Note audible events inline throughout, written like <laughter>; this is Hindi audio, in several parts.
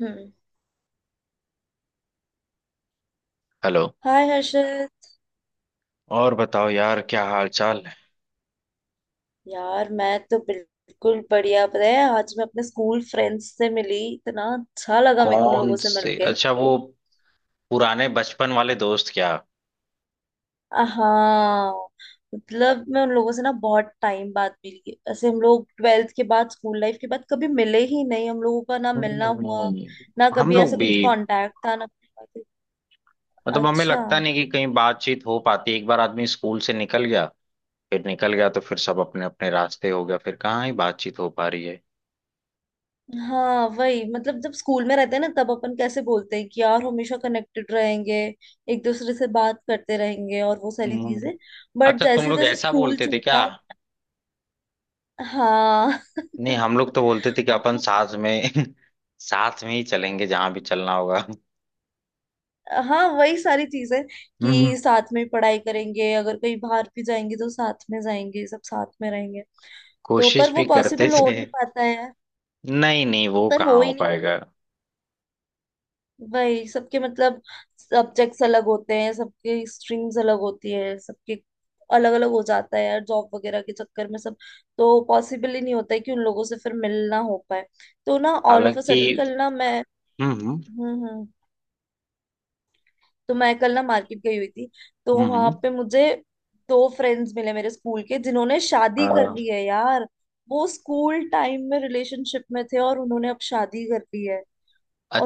हम्म। हेलो। हाय हर्षद। और बताओ यार, क्या हाल चाल है? यार मैं तो बिल्कुल बढ़िया, पता है आज मैं अपने स्कूल फ्रेंड्स से मिली, इतना अच्छा लगा मेरे को उन कौन लोगों से से? मिलके। अच्छा, वो पुराने बचपन वाले दोस्त क्या? हाँ। मतलब मैं उन लोगों से ना बहुत टाइम बाद मिली, ऐसे हम लोग ट्वेल्थ के बाद स्कूल लाइफ के बाद कभी मिले ही नहीं, हम लोगों का ना हम्म। मिलना हुआ, ना हम कभी लोग ऐसे भी कुछ कांटेक्ट था ना कुछ बातें। मतलब, हमें अच्छा। लगता नहीं कि कहीं बातचीत हो पाती। एक बार आदमी स्कूल से निकल गया फिर निकल गया, तो फिर सब अपने अपने रास्ते हो गया, फिर कहाँ ही बातचीत हो पा रही है। हाँ वही, मतलब जब स्कूल में रहते हैं ना तब अपन कैसे बोलते हैं कि यार हमेशा कनेक्टेड रहेंगे, एक दूसरे से बात करते रहेंगे और वो सारी हम्म। चीजें। बट अच्छा, तुम जैसे लोग जैसे ऐसा स्कूल बोलते थे क्या? छूटा। हाँ। नहीं, <laughs> हम लोग तो बोलते थे कि अपन वो- साथ में <laughs> साथ में ही चलेंगे, जहां भी चलना होगा। हाँ वही सारी चीजें, <laughs> कि साथ में पढ़ाई करेंगे, अगर कहीं बाहर भी जाएंगे तो साथ में जाएंगे, सब साथ में रहेंगे। तो पर कोशिश वो भी करते पॉसिबल हो थे। नहीं पाता है, नहीं नहीं, वो पर कहाँ हो हो ही नहीं। पाएगा। वही सबके, मतलब सब्जेक्ट्स अलग होते हैं सबके, स्ट्रीम्स अलग होती है सबके, अलग अलग हो जाता है यार जॉब वगैरह के चक्कर में सब। तो पॉसिबल ही नहीं होता है कि उन लोगों से फिर मिलना हो पाए। तो ना ऑल ऑफ अ हालांकि सडन कल ना मैं। हम्म हम्म हम्म। तो मैं कल ना मार्केट गई हुई थी, तो हम्म। वहां पे मुझे दो फ्रेंड्स मिले मेरे स्कूल के, जिन्होंने अ, शादी कर ली है यार। वो स्कूल टाइम में रिलेशनशिप में थे और उन्होंने अब शादी कर ली है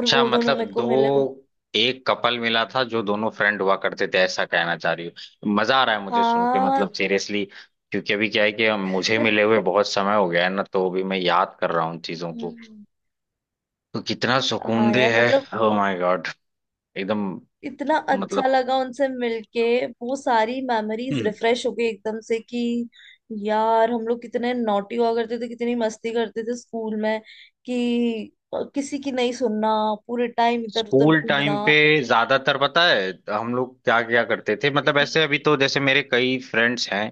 और वो दोनों मतलब मेरे को मिले। दो? एक कपल मिला था जो दोनों फ्रेंड हुआ करते थे, ऐसा कहना चाह रही हूँ। मजा आ रहा है मुझे सुन के, हाँ। मतलब सीरियसली। क्योंकि अभी क्या है कि मुझे मिले हुए <laughs> बहुत समय हो गया है ना, तो अभी मैं याद कर रहा हूँ उन चीजों को। हम्म। तो कितना सुकून हाँ दे यार, मतलब है। ओ माय गॉड, एकदम। इतना अच्छा मतलब लगा उनसे मिलके। वो सारी मेमोरीज हम्म। रिफ्रेश हो गई एकदम से कि यार हम लोग कितने नॉटी हुआ करते थे, कितनी मस्ती करते थे स्कूल में, कि किसी की नहीं सुनना, पूरे टाइम इधर उधर स्कूल घूमना। टाइम पे ज्यादातर पता है हम लोग क्या क्या करते थे। मतलब ऐसे हम्म अभी तो जैसे मेरे कई फ्रेंड्स हैं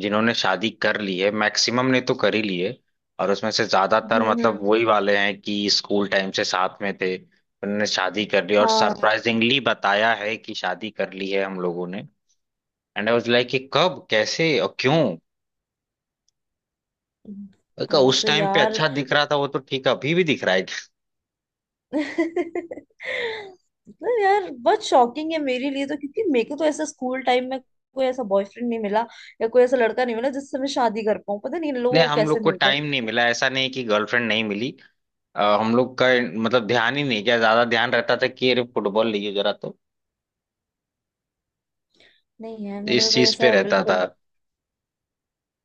जिन्होंने शादी कर ली है, मैक्सिमम ने तो कर ही ली है। और उसमें से ज्यादातर मतलब हम्म। वही वाले हैं कि स्कूल टाइम से साथ में थे, उन्होंने शादी कर ली, और हाँ सरप्राइजिंगली बताया है कि शादी कर ली है हम लोगों ने। एंड आई वाज लाइक कि कब कैसे और क्यों। मैंने कहा, वो उस तो टाइम पे यार, अच्छा दिख रहा था, वो तो ठीक है, अभी भी दिख रहा है क्या? मतलब यार बहुत शॉकिंग है मेरे लिए तो, क्योंकि मेरे को तो ऐसा स्कूल टाइम में कोई ऐसा बॉयफ्रेंड नहीं मिला या कोई ऐसा लड़का नहीं मिला जिससे मैं शादी कर पाऊँ। पता नहीं इन लोगों नहीं, को हम कैसे लोग को मिलता है। टाइम नहीं मिला, ऐसा नहीं कि गर्लफ्रेंड नहीं मिली। हम लोग का मतलब ध्यान ही नहीं गया, ज्यादा ध्यान रहता था कि अरे फुटबॉल लीजिए जरा तो। नहीं यार, मेरे इस को कोई चीज पे ऐसा रहता था। बिल्कुल,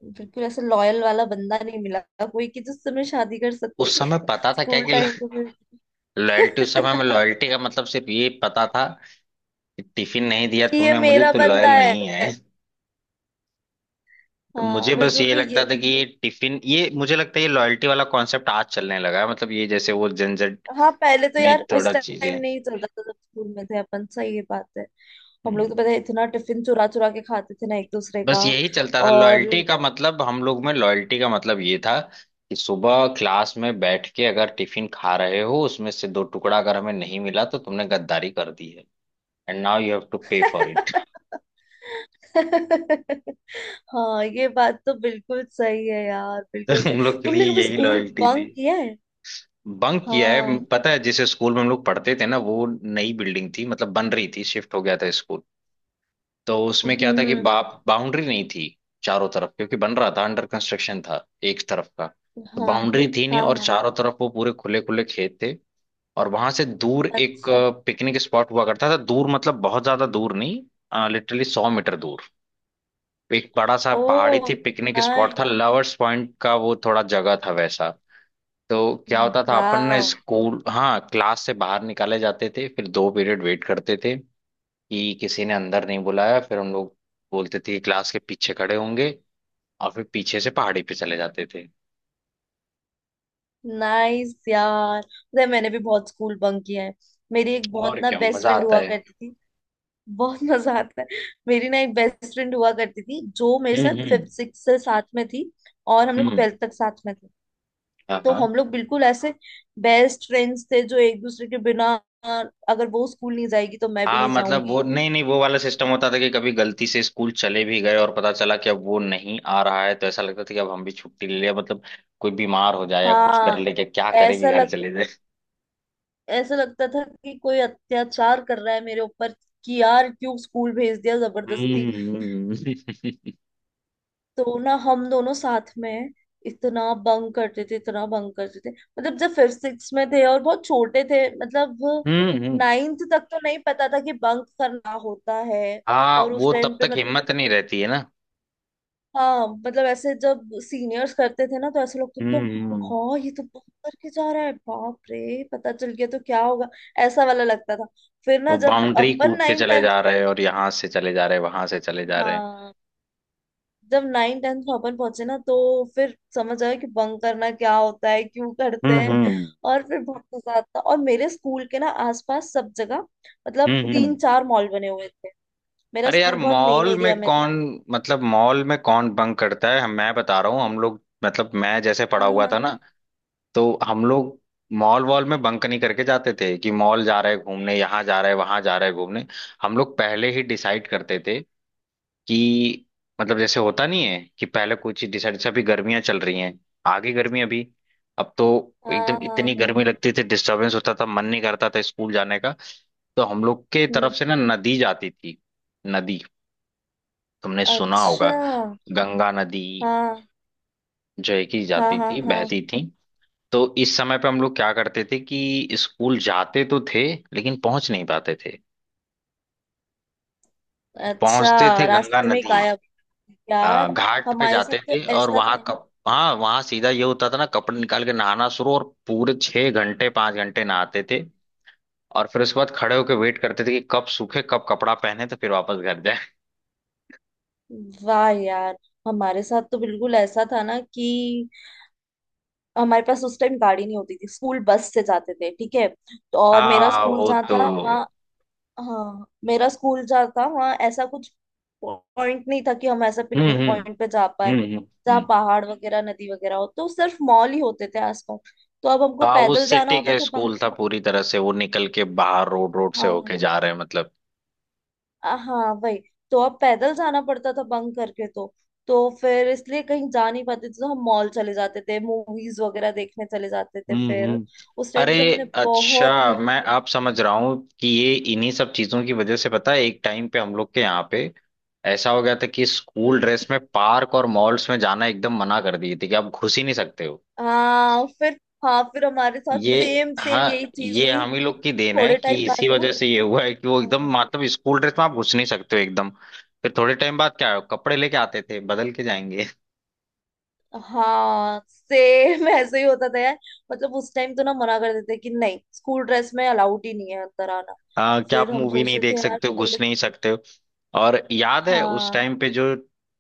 बिल्कुल ऐसा लॉयल वाला बंदा नहीं मिला, कोई कि जिससे मैं शादी कर उस सकती। <laughs> समय पता था क्या स्कूल कि टाइम में। लॉयल्टी? उस समय में <laughs> लॉयल्टी का मतलब सिर्फ ये पता था कि टिफिन नहीं दिया कि ये तूने मुझे, मेरा तो बंदा लॉयल है। नहीं है। तो हाँ मुझे वही तो बस बोल ये रही हूँ लगता ये। था कि ये टिफिन, ये मुझे लगता है ये लॉयल्टी वाला कॉन्सेप्ट आज चलने लगा है, मतलब ये जैसे वो जनजेट हाँ पहले तो यार में उस थोड़ा टाइम चीजें। नहीं चलता था, जब स्कूल में थे अपन, सही ये बात है। हम हम्म। लोग तो पता है इतना टिफिन चुरा चुरा के खाते थे ना एक दूसरे बस का। यही चलता था, और लॉयल्टी का मतलब। हम लोग में लॉयल्टी का मतलब ये था कि सुबह क्लास में बैठ के अगर टिफिन खा रहे हो उसमें से दो टुकड़ा अगर हमें नहीं मिला तो तुमने गद्दारी कर दी है। And now you have to pay for it. <laughs> हाँ ये बात तो बिल्कुल सही है यार, <laughs> तो बिल्कुल सही। हम लोग के लिए तुमने कभी यही स्कूल लॉयल्टी थी। बंक किया है? बंक किया है। हाँ। पता है जिस स्कूल में हम लोग पढ़ते थे ना, वो नई बिल्डिंग थी, मतलब बन रही थी, शिफ्ट हो गया था स्कूल। तो उसमें क्या था कि हम्म। बाउंड्री नहीं थी चारों तरफ, क्योंकि बन रहा था, अंडर कंस्ट्रक्शन था एक तरफ का। तो हाँ बाउंड्री थी नहीं, हाँ और हाँ। चारों तरफ वो पूरे खुले खुले खेत थे। और वहां से दूर एक अच्छा। पिकनिक स्पॉट हुआ करता था। दूर मतलब बहुत ज्यादा दूर नहीं, लिटरली 100 मीटर दूर। एक बड़ा सा पहाड़ी ओ। थी, पिकनिक स्पॉट था, नाइस। लवर्स पॉइंट का वो थोड़ा जगह था वैसा। तो क्या होता था अपन ना वाह। स्कूल, हाँ, क्लास से बाहर निकाले जाते थे, फिर 2 पीरियड वेट करते थे कि किसी ने अंदर नहीं बुलाया। फिर हम लोग बोलते थे कि क्लास के पीछे खड़े होंगे, और फिर पीछे से पहाड़ी पे चले जाते थे। नाइस यार, पता है मैंने भी बहुत स्कूल बंक किया है। मेरी एक बहुत और ना क्या बेस्ट मजा फ्रेंड आता हुआ है। करती थी। बहुत मजा आता है। मेरी ना एक बेस्ट फ्रेंड हुआ करती थी जो मेरे साथ हम्म हम्म फिफ्थ सिक्स से साथ में थी और हम लोग हम्म। ट्वेल्थ तक साथ में थे। हाँ तो हाँ हम लोग बिल्कुल ऐसे बेस्ट फ्रेंड्स थे जो एक दूसरे के बिना, अगर वो स्कूल नहीं जाएगी तो मैं भी हाँ नहीं मतलब वो, जाऊंगी। नहीं नहीं, वो वाला सिस्टम होता था कि कभी गलती से स्कूल चले भी गए और पता चला कि अब वो नहीं आ रहा है, तो ऐसा लगता था कि अब हम भी छुट्टी ले लिया। मतलब कोई बीमार हो जाए या कुछ कर हाँ। ले, कि क्या करे, कि ऐसा घर लग चले जाए। ऐसा लगता था कि कोई अत्याचार कर रहा है मेरे ऊपर, कि यार क्यों स्कूल भेज दिया जबरदस्ती। हम्म हम्म, हम्म। <laughs> तो ना हम दोनों साथ में इतना बंक करते थे, इतना बंक करते थे। मतलब जब फिफ्थ सिक्स में थे और बहुत छोटे थे, मतलब हम्म। नाइन्थ तक तो नहीं पता था कि बंक करना होता है। हाँ और उस वो टाइम तब पे तक मतलब, हिम्मत नहीं रहती है ना। हाँ मतलब ऐसे जब सीनियर्स करते थे ना तो ऐसे लोग तो हम्म हम्म। हाँ ये तो बंक करके जा रहा है बाप रे, पता चल गया तो क्या होगा, ऐसा वाला लगता था। फिर ना वो जब बाउंड्री अपन कूद के नाइन चले टेंथ, जा रहे हैं, और यहाँ से चले जा रहे हैं, वहां से चले जा रहे हैं। हाँ जब नाइन टेंथ में अपन पहुंचे ना, तो फिर समझ आया कि बंक करना क्या होता है क्यों करते हम्म हैं। हम्म और फिर बहुत मजा आता और मेरे स्कूल के ना आसपास सब जगह, मतलब हम्म तीन हम्म। चार मॉल बने हुए थे। मेरा अरे यार, स्कूल बहुत मेन मॉल में एरिया में था। कौन, मतलब मॉल में कौन बंक करता है? मैं बता रहा हूँ, हम लोग मतलब मैं जैसे पढ़ा हाँ हुआ हाँ था ना, तो हम लोग मॉल वॉल में बंक नहीं करके जाते थे कि मॉल जा रहे हैं घूमने, यहाँ जा रहे हैं वहां जा रहे हैं घूमने। हम लोग पहले ही डिसाइड करते थे कि मतलब, जैसे होता नहीं है कि पहले कोई चीज डिसाइड से, अभी गर्मियां चल रही हैं आगे, गर्मी अभी, अब तो हाँ। एकदम हाँ इतनी गर्मी हाँ। लगती थी, डिस्टरबेंस होता था, मन नहीं करता था स्कूल जाने का। तो हम लोग के तरफ हम्म। से ना नदी जाती थी। नदी, तुमने सुना होगा, अच्छा। गंगा नदी, हाँ जो है कि हाँ जाती हाँ थी हाँ। बहती थी। तो इस समय पे हम लोग क्या करते थे कि स्कूल जाते तो थे, लेकिन पहुंच नहीं पाते थे, अच्छा पहुंचते थे गंगा रास्ते में ही नदी। गायब। यार घाट पे हमारे साथ जाते तो थे, और ऐसा था वहां ना। कप, हाँ, वहां सीधा ये होता था ना, कपड़े निकाल के नहाना शुरू, और पूरे 6 घंटे 5 घंटे नहाते थे। और फिर उसके बाद खड़े होके वेट करते थे कि कब सूखे, कब कपड़ा पहने तो फिर वापस घर जाए। वाह यार, हमारे साथ तो बिल्कुल ऐसा था ना कि हमारे पास उस टाइम गाड़ी नहीं होती थी, स्कूल बस से जाते थे ठीक है। तो <laughs> और मेरा हाँ स्कूल वो जहाँ तो था वहाँ, हाँ मेरा स्कूल जहाँ था वहाँ ऐसा कुछ पॉइंट नहीं था कि हम ऐसा हम्म पिकनिक हम्म पॉइंट पे जा पाए हम्म हम्म जहाँ हम्म। पहाड़ वगैरह नदी वगैरह हो। तो सिर्फ मॉल ही होते थे आसपास, तो अब हमको हाँ वो पैदल जाना सिटी होता के था स्कूल पंकज। था पूरी तरह से, वो निकल के बाहर रोड, रोड से होके जा रहे हैं मतलब। हाँ वही। तो अब पैदल जाना पड़ता था बंक करके तो फिर इसलिए कहीं जा नहीं पाते थे, तो हम मॉल चले जाते थे, मूवीज वगैरह देखने चले जाते थे हम्म फिर। हम्म। उस टाइम अरे, पे तो हमने अच्छा, बहुत मूवी मैं आप देखी है। समझ रहा हूँ कि ये इन्हीं सब चीजों की वजह से, पता है एक टाइम पे हम लोग के यहाँ पे ऐसा हो गया था कि हम्म स्कूल हम्म। ड्रेस में पार्क और मॉल्स में जाना एकदम मना कर दिए थे, कि आप घुस ही नहीं सकते हो। हाँ फिर, हमारे साथ ये, सेम सेम हाँ, यही चीज ये हुई हम ही लोग की कि देन है, थोड़े कि टाइम इसी बाद ना, वजह से ये हुआ है कि वो एकदम हाँ मतलब स्कूल ड्रेस में आप घुस नहीं सकते हो एकदम। फिर थोड़े टाइम बाद क्या है, कपड़े लेके आते थे, बदल के जाएंगे। हाँ। सेम <laughs> ऐसे ही होता था यार, मतलब उस टाइम तो ना मना कर देते कि नहीं स्कूल ड्रेस में अलाउड ही नहीं है अंदर आना। हाँ, क्या फिर आप हम मूवी नहीं सोचते थे देख यार सकते हो, घुस थोड़े। नहीं सकते हो। और याद है उस हाँ टाइम पे जो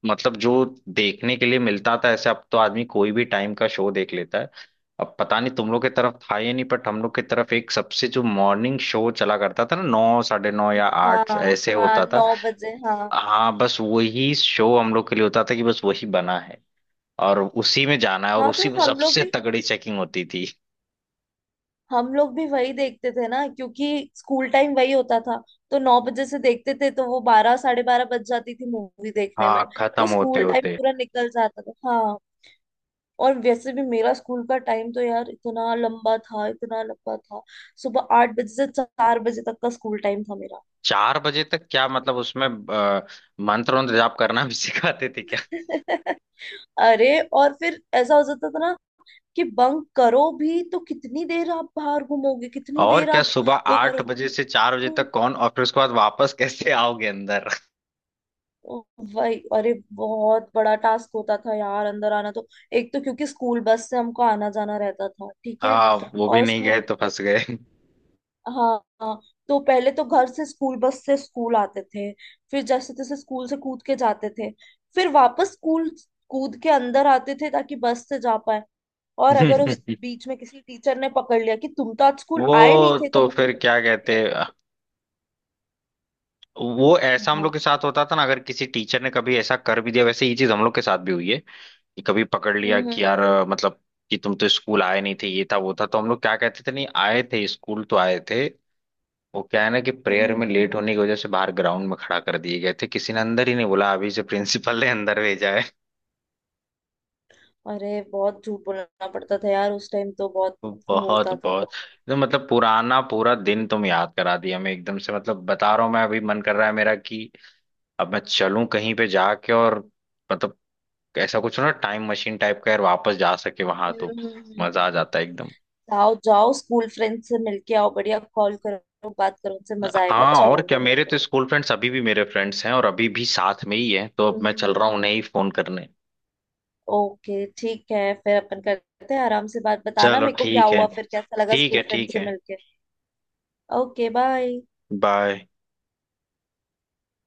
मतलब, जो देखने के लिए मिलता था ऐसे, अब तो आदमी कोई भी टाइम का शो देख लेता है। अब पता नहीं तुम लोग की तरफ था या नहीं, बट हम लोग की तरफ एक सबसे जो मॉर्निंग शो चला करता था ना, नौ साढ़े नौ या हाँ आठ ऐसे हाँ होता था। 9 बजे हाँ। हाँ, बस वही शो हम लोग के लिए होता था कि बस वही बना है और उसी में जाना है, और हाँ उसी तो में हम लोग सबसे भी, तगड़ी चेकिंग होती थी। वही देखते थे ना, क्योंकि स्कूल टाइम वही होता था। तो 9 बजे से देखते थे तो वो 12 साढ़े 12 बज जाती थी मूवी देखने में। हाँ तो खत्म होते स्कूल टाइम होते। पूरा निकल जाता था हाँ। और वैसे भी मेरा स्कूल का टाइम तो यार इतना लंबा था, इतना लंबा था। सुबह 8 बजे से 4 बजे तक का स्कूल टाइम था मेरा। 4 बजे तक? क्या मतलब उसमें मंत्र वंत्र जाप करना भी <laughs> सिखाते थे क्या? <laughs> अरे और फिर ऐसा हो जाता था ना कि बंक करो भी तो कितनी देर आप बाहर घूमोगे, कितनी और देर क्या, आप सुबह वो आठ करोगे। बजे से चार बजे हम्म। तक कौन? और फिर उसके बाद वापस कैसे आओगे अंदर? ओ भाई, अरे बहुत बड़ा टास्क होता था यार अंदर आना तो। एक तो क्योंकि स्कूल बस से हमको आना जाना रहता था ठीक है। हाँ, वो भी और नहीं स्कूल, गए तो फंस गए। हाँ हाँ। तो पहले तो घर से स्कूल बस से स्कूल आते थे, फिर जैसे तैसे स्कूल से कूद के जाते थे, फिर वापस स्कूल कूद के अंदर आते थे ताकि बस से जा पाए। और अगर उस <laughs> बीच में किसी टीचर ने पकड़ लिया कि तुम तो आज स्कूल आए नहीं वो, थे तो तो बस फिर में क्या कैसे बैठे कहते। हो। वो ऐसा हम हाँ। लोग के साथ होता था ना, अगर किसी टीचर ने कभी ऐसा कर भी दिया, वैसे ये चीज हम लोग के साथ भी हुई है, कि कभी पकड़ लिया हम्म। कि यार, मतलब कि तुम तो स्कूल आए नहीं थे, ये था वो था, तो हम लोग क्या कहते थे, नहीं आए थे स्कूल, तो आए थे वो, क्या है ना कि हम्म प्रेयर हम्म। में लेट होने की वजह से बाहर ग्राउंड में खड़ा कर दिए गए थे, किसी ने अंदर ही नहीं बोला, अभी से प्रिंसिपल ने अंदर भेजा है। अरे बहुत झूठ बोलना पड़ता था यार उस टाइम तो, बहुत तो बहुत होता था। बहुत। तो मतलब पुराना पूरा दिन तुम याद करा दिया मैं एकदम से, मतलब बता रहा हूँ मैं, अभी मन कर रहा है मेरा कि अब मैं चलूं कहीं पे जाके, और मतलब ऐसा कुछ ना टाइम मशीन टाइप का यार, वापस जा सके वहां तो हम्म, हम्म। मजा आ जाता है एकदम। जाओ जाओ स्कूल फ्रेंड से मिलके आओ बढ़िया, कॉल करो, बात करो उनसे, मजा आएगा हाँ अच्छा और क्या, लगेगा मेरे तुमको। तो स्कूल फ्रेंड्स अभी भी मेरे फ्रेंड्स हैं और अभी भी साथ में ही हैं, तो अब मैं हम्म। चल रहा हूँ उन्हें ही फोन करने। ओके ठीक है, फिर अपन करते हैं आराम से बात, बताना चलो मेरे को क्या ठीक है। हुआ फिर, कैसा लगा ठीक स्कूल है, फ्रेंड ठीक से है। मिलके। Okay bye. Bye.